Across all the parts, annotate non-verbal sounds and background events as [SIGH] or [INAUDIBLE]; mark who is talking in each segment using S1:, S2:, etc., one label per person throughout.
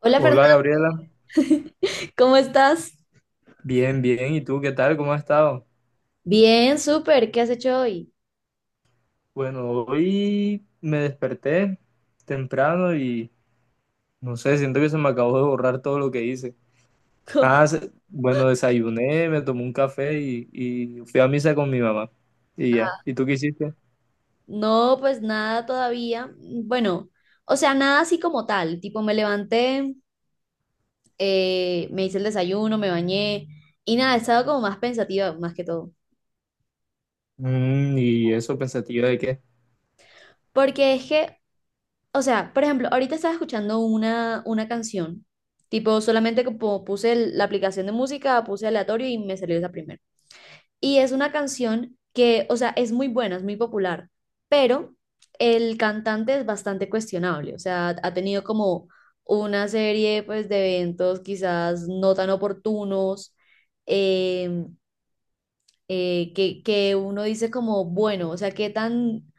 S1: Hola
S2: Hola
S1: Fernanda,
S2: Gabriela,
S1: [LAUGHS] ¿cómo estás?
S2: bien, bien. ¿Y tú qué tal? ¿Cómo has estado?
S1: Bien, súper, ¿qué has hecho hoy?
S2: Bueno, hoy me desperté temprano y no sé, siento que se me acabó de borrar todo lo que hice.
S1: Co-
S2: Bueno, desayuné, me tomé un café y fui a misa con mi mamá. Y ya. ¿Y tú qué hiciste?
S1: No, pues nada todavía. Bueno, o sea, nada así como tal. Tipo, me levanté, me hice el desayuno, me bañé y nada, he estado como más pensativa más que todo.
S2: Mm, ¿y eso pensativa de qué?
S1: Porque es que, o sea, por ejemplo, ahorita estaba escuchando una canción. Tipo, solamente como puse la aplicación de música, puse aleatorio y me salió esa primera. Y es una canción que, o sea, es muy buena, es muy popular, pero el cantante es bastante cuestionable, o sea, ha tenido como una serie pues de eventos quizás no tan oportunos, eh, que uno dice como, bueno, o sea,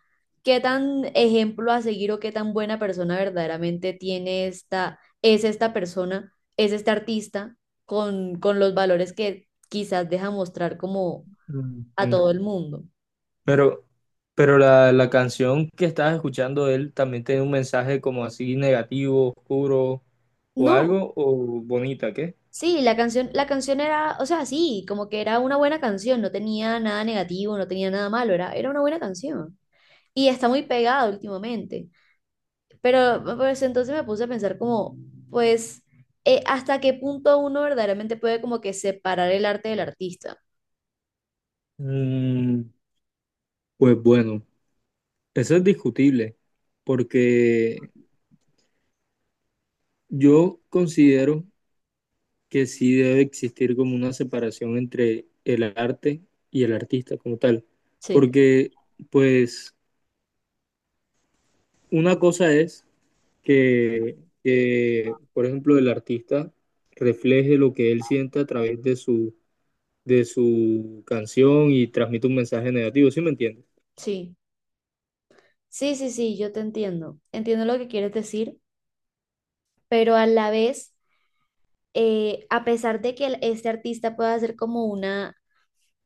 S1: qué tan ejemplo a seguir o qué tan buena persona verdaderamente tiene esta, es esta persona, es este artista con los valores que quizás deja mostrar como
S2: Mm,
S1: a
S2: mm.
S1: todo el mundo.
S2: Pero, pero la canción que estabas escuchando de él, ¿también tiene un mensaje como así negativo, oscuro o
S1: No,
S2: algo, o bonita, qué?
S1: sí, la canción era, o sea, sí, como que era una buena canción, no tenía nada negativo, no tenía nada malo, era, era una buena canción. Y está muy pegada últimamente. Pero pues entonces me puse a pensar como, pues, ¿hasta qué punto uno verdaderamente puede como que separar el arte del artista?
S2: Pues bueno, eso es discutible, porque yo considero que sí debe existir como una separación entre el arte y el artista como tal,
S1: Sí.
S2: porque pues una cosa es que, que, por ejemplo, el artista refleje lo que él siente a través de de su canción y transmite un mensaje negativo, ¿sí me entiendes?
S1: Sí, sí, sí, sí, yo te entiendo. Entiendo lo que quieres decir, pero a la vez, a pesar de que este artista pueda hacer como una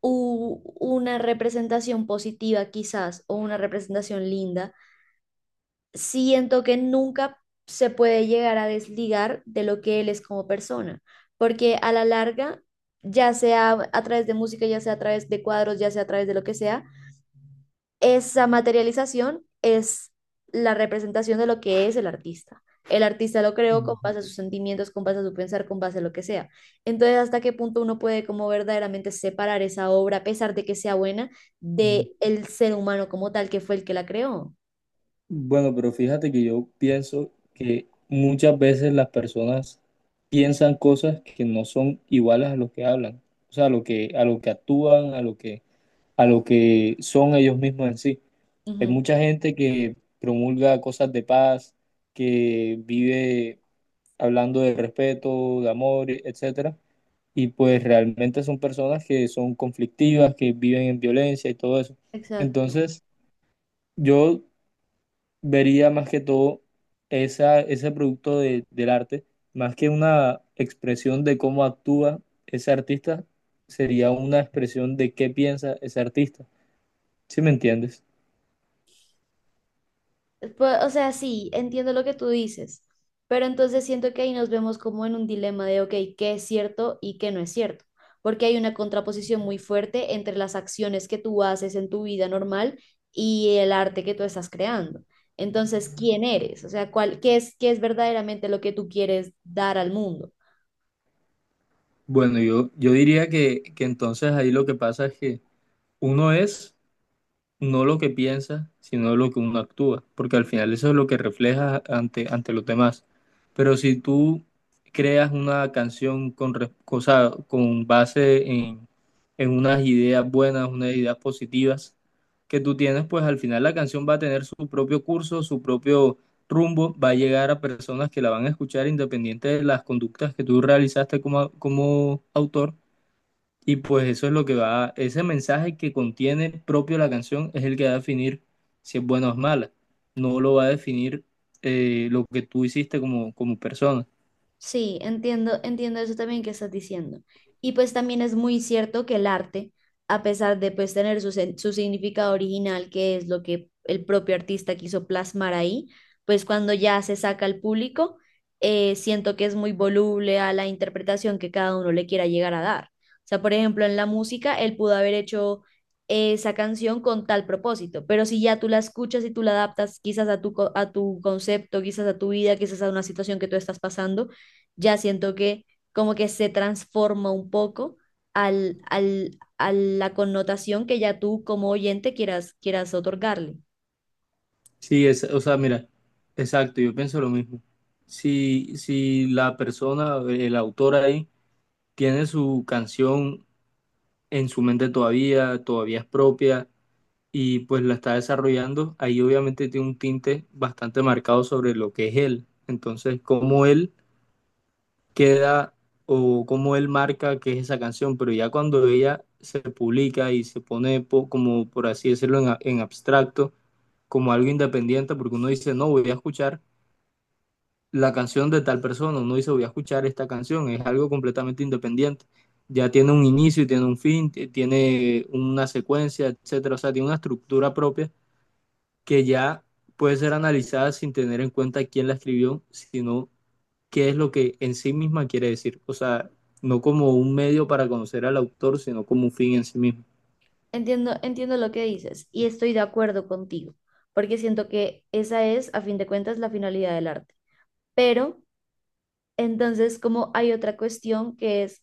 S1: una representación positiva quizás o una representación linda, siento que nunca se puede llegar a desligar de lo que él es como persona, porque a la larga, ya sea a través de música, ya sea a través de cuadros, ya sea a través de lo que sea, esa materialización es la representación de lo que es el artista. El artista lo creó con
S2: Ujú.
S1: base a sus sentimientos, con base a su pensar, con base a lo que sea. Entonces, ¿hasta qué punto uno puede como verdaderamente separar esa obra, a pesar de que sea buena, de el ser humano como tal que fue el que la creó?
S2: Bueno, pero fíjate que yo pienso que muchas veces las personas piensan cosas que no son iguales a lo que hablan, o sea, a lo que actúan, a lo que son ellos mismos en sí. Hay
S1: Ujú.
S2: mucha gente que promulga cosas de paz, que vive hablando de respeto, de amor, etcétera, y pues realmente son personas que son conflictivas, que viven en violencia y todo eso.
S1: Exacto.
S2: Entonces, yo vería más que todo ese producto del arte, más que una expresión de cómo actúa ese artista, sería una expresión de qué piensa ese artista. ¿Sí me entiendes?
S1: Pues, o sea, sí, entiendo lo que tú dices, pero entonces siento que ahí nos vemos como en un dilema de, ok, ¿qué es cierto y qué no es cierto? Porque hay una contraposición muy fuerte entre las acciones que tú haces en tu vida normal y el arte que tú estás creando. Entonces, ¿quién eres? O sea, ¿cuál, qué es verdaderamente lo que tú quieres dar al mundo?
S2: Bueno, yo diría que entonces ahí lo que pasa es que uno es no lo que piensa, sino lo que uno actúa, porque al final eso es lo que refleja ante, ante los demás. Pero si tú creas una canción con, o sea, con base en unas ideas buenas, unas ideas positivas que tú tienes, pues al final la canción va a tener su propio curso, su propio rumbo, va a llegar a personas que la van a escuchar independiente de las conductas que tú realizaste como, como autor y pues eso es lo que va, ese mensaje que contiene propio la canción es el que va a definir si es buena o es mala. No lo va a definir lo que tú hiciste como, como persona.
S1: Sí, entiendo, entiendo eso también que estás diciendo. Y pues también es muy cierto que el arte, a pesar de pues tener su, su significado original, que es lo que el propio artista quiso plasmar ahí, pues cuando ya se saca al público, siento que es muy voluble a la interpretación que cada uno le quiera llegar a dar. O sea, por ejemplo, en la música, él pudo haber hecho esa canción con tal propósito, pero si ya tú la escuchas y tú la adaptas quizás a tu, a tu concepto, quizás a tu vida, quizás a una situación que tú estás pasando, ya siento que como que se transforma un poco a la connotación que ya tú como oyente quieras, quieras otorgarle.
S2: Sí, es, o sea, mira, exacto, yo pienso lo mismo. Si la persona, el autor ahí, tiene su canción en su mente todavía, todavía es propia y pues la está desarrollando, ahí obviamente tiene un tinte bastante marcado sobre lo que es él. Entonces, como él queda o cómo él marca que es esa canción, pero ya cuando ella se publica y se pone como, por así decirlo, en, en abstracto, como algo independiente, porque uno dice, no, voy a escuchar la canción de tal persona, uno dice, voy a escuchar esta canción, es algo completamente independiente. Ya tiene un inicio, tiene un fin, tiene una secuencia, etcétera, o sea, tiene una estructura propia que ya puede ser analizada sin tener en cuenta quién la escribió, sino qué es lo que en sí misma quiere decir. O sea, no como un medio para conocer al autor, sino como un fin en sí mismo.
S1: Entiendo, entiendo lo que dices y estoy de acuerdo contigo, porque siento que esa es, a fin de cuentas, la finalidad del arte. Pero entonces, como hay otra cuestión que es,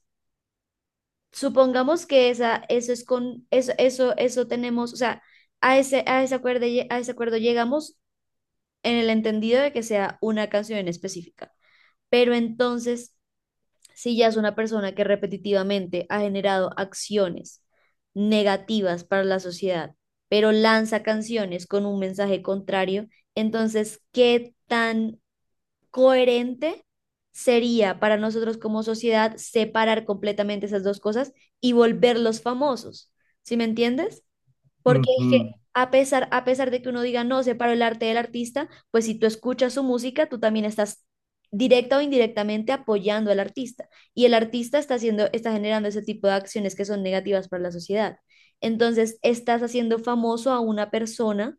S1: supongamos que esa, eso es con, eso tenemos, o sea, a ese acuerdo, a ese acuerdo llegamos en el entendido de que sea una canción en específica. Pero entonces, si ya es una persona que repetitivamente ha generado acciones negativas para la sociedad, pero lanza canciones con un mensaje contrario, entonces, ¿qué tan coherente sería para nosotros como sociedad separar completamente esas dos cosas y volverlos famosos? ¿Sí me entiendes? Porque es que
S2: Ujú.
S1: a pesar de que uno diga, no, separo el arte del artista, pues si tú escuchas su música, tú también estás directa o indirectamente apoyando al artista. Y el artista está haciendo, está generando ese tipo de acciones que son negativas para la sociedad. Entonces, estás haciendo famoso a una persona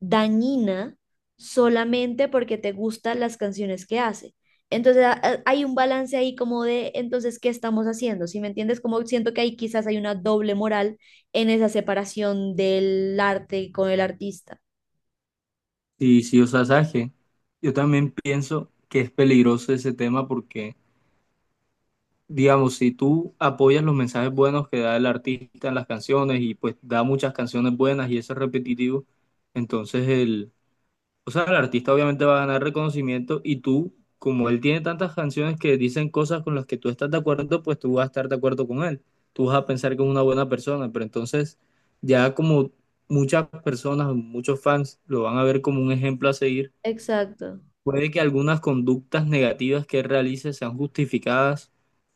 S1: dañina solamente porque te gustan las canciones que hace. Entonces hay un balance ahí como de, entonces, ¿qué estamos haciendo? ¿Si me entiendes? Como siento que ahí quizás hay una doble moral en esa separación del arte con el artista.
S2: Sí, sí, o sea, ¿sabes qué? Yo también pienso que es peligroso ese tema porque, digamos, si tú apoyas los mensajes buenos que da el artista en las canciones y pues da muchas canciones buenas y eso es repetitivo, entonces el, o sea, el artista obviamente va a ganar reconocimiento y tú, como él tiene tantas canciones que dicen cosas con las que tú estás de acuerdo, pues tú vas a estar de acuerdo con él. Tú vas a pensar que es una buena persona, pero entonces ya como muchas personas, muchos fans lo van a ver como un ejemplo a seguir,
S1: Exacto,
S2: puede que algunas conductas negativas que él realice sean justificadas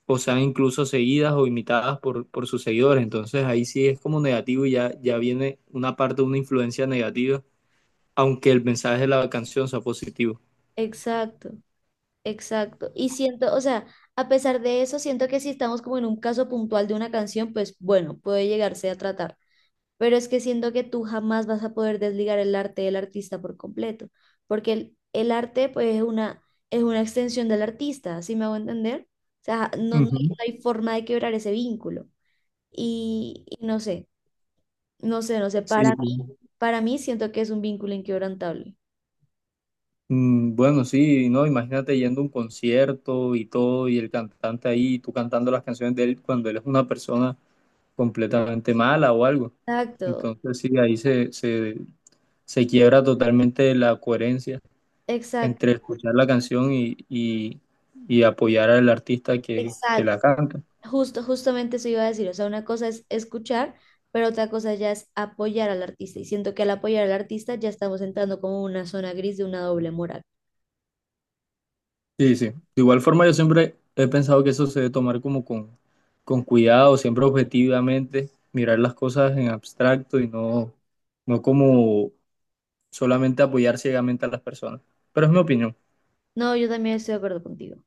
S2: o sean incluso seguidas o imitadas por sus seguidores. Entonces ahí sí es como negativo y ya, ya viene una parte de una influencia negativa aunque el mensaje de la canción sea positivo.
S1: exacto, exacto. Y siento, o sea, a pesar de eso, siento que si estamos como en un caso puntual de una canción, pues bueno, puede llegarse a tratar. Pero es que siento que tú jamás vas a poder desligar el arte del artista por completo, porque el arte pues es una extensión del artista, ¿sí me hago entender? O sea, no, no, hay
S2: Ujú.
S1: no hay forma de quebrar ese vínculo. Y no sé, no sé, no sé,
S2: Sí, sí.
S1: para mí siento que es un vínculo inquebrantable.
S2: Mm, bueno, sí, no, imagínate yendo a un concierto y todo, y el cantante ahí, tú cantando las canciones de él cuando él es una persona completamente mala o algo.
S1: Exacto,
S2: Entonces, sí, ahí se quiebra totalmente la coherencia
S1: exacto,
S2: entre escuchar la canción y apoyar al artista que
S1: exacto.
S2: la canta.
S1: Justo, justamente eso iba a decir, o sea, una cosa es escuchar, pero otra cosa ya es apoyar al artista. Y siento que al apoyar al artista ya estamos entrando como en una zona gris de una doble moral.
S2: Sí, sí. De igual forma, yo siempre he pensado que eso se debe tomar como con cuidado, siempre objetivamente, mirar las cosas en abstracto y no, no como solamente apoyar ciegamente a las personas. Pero es mi opinión.
S1: No, yo también estoy de acuerdo contigo.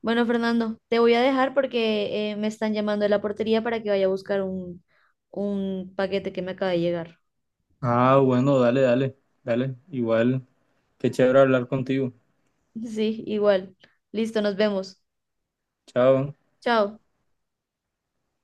S1: Bueno, Fernando, te voy a dejar porque me están llamando de la portería para que vaya a buscar un paquete que me acaba de llegar.
S2: Ah, bueno, dale, dale, dale. Igual, qué chévere hablar contigo.
S1: [LAUGHS] Sí, igual. Listo, nos vemos.
S2: Chao.
S1: Chao.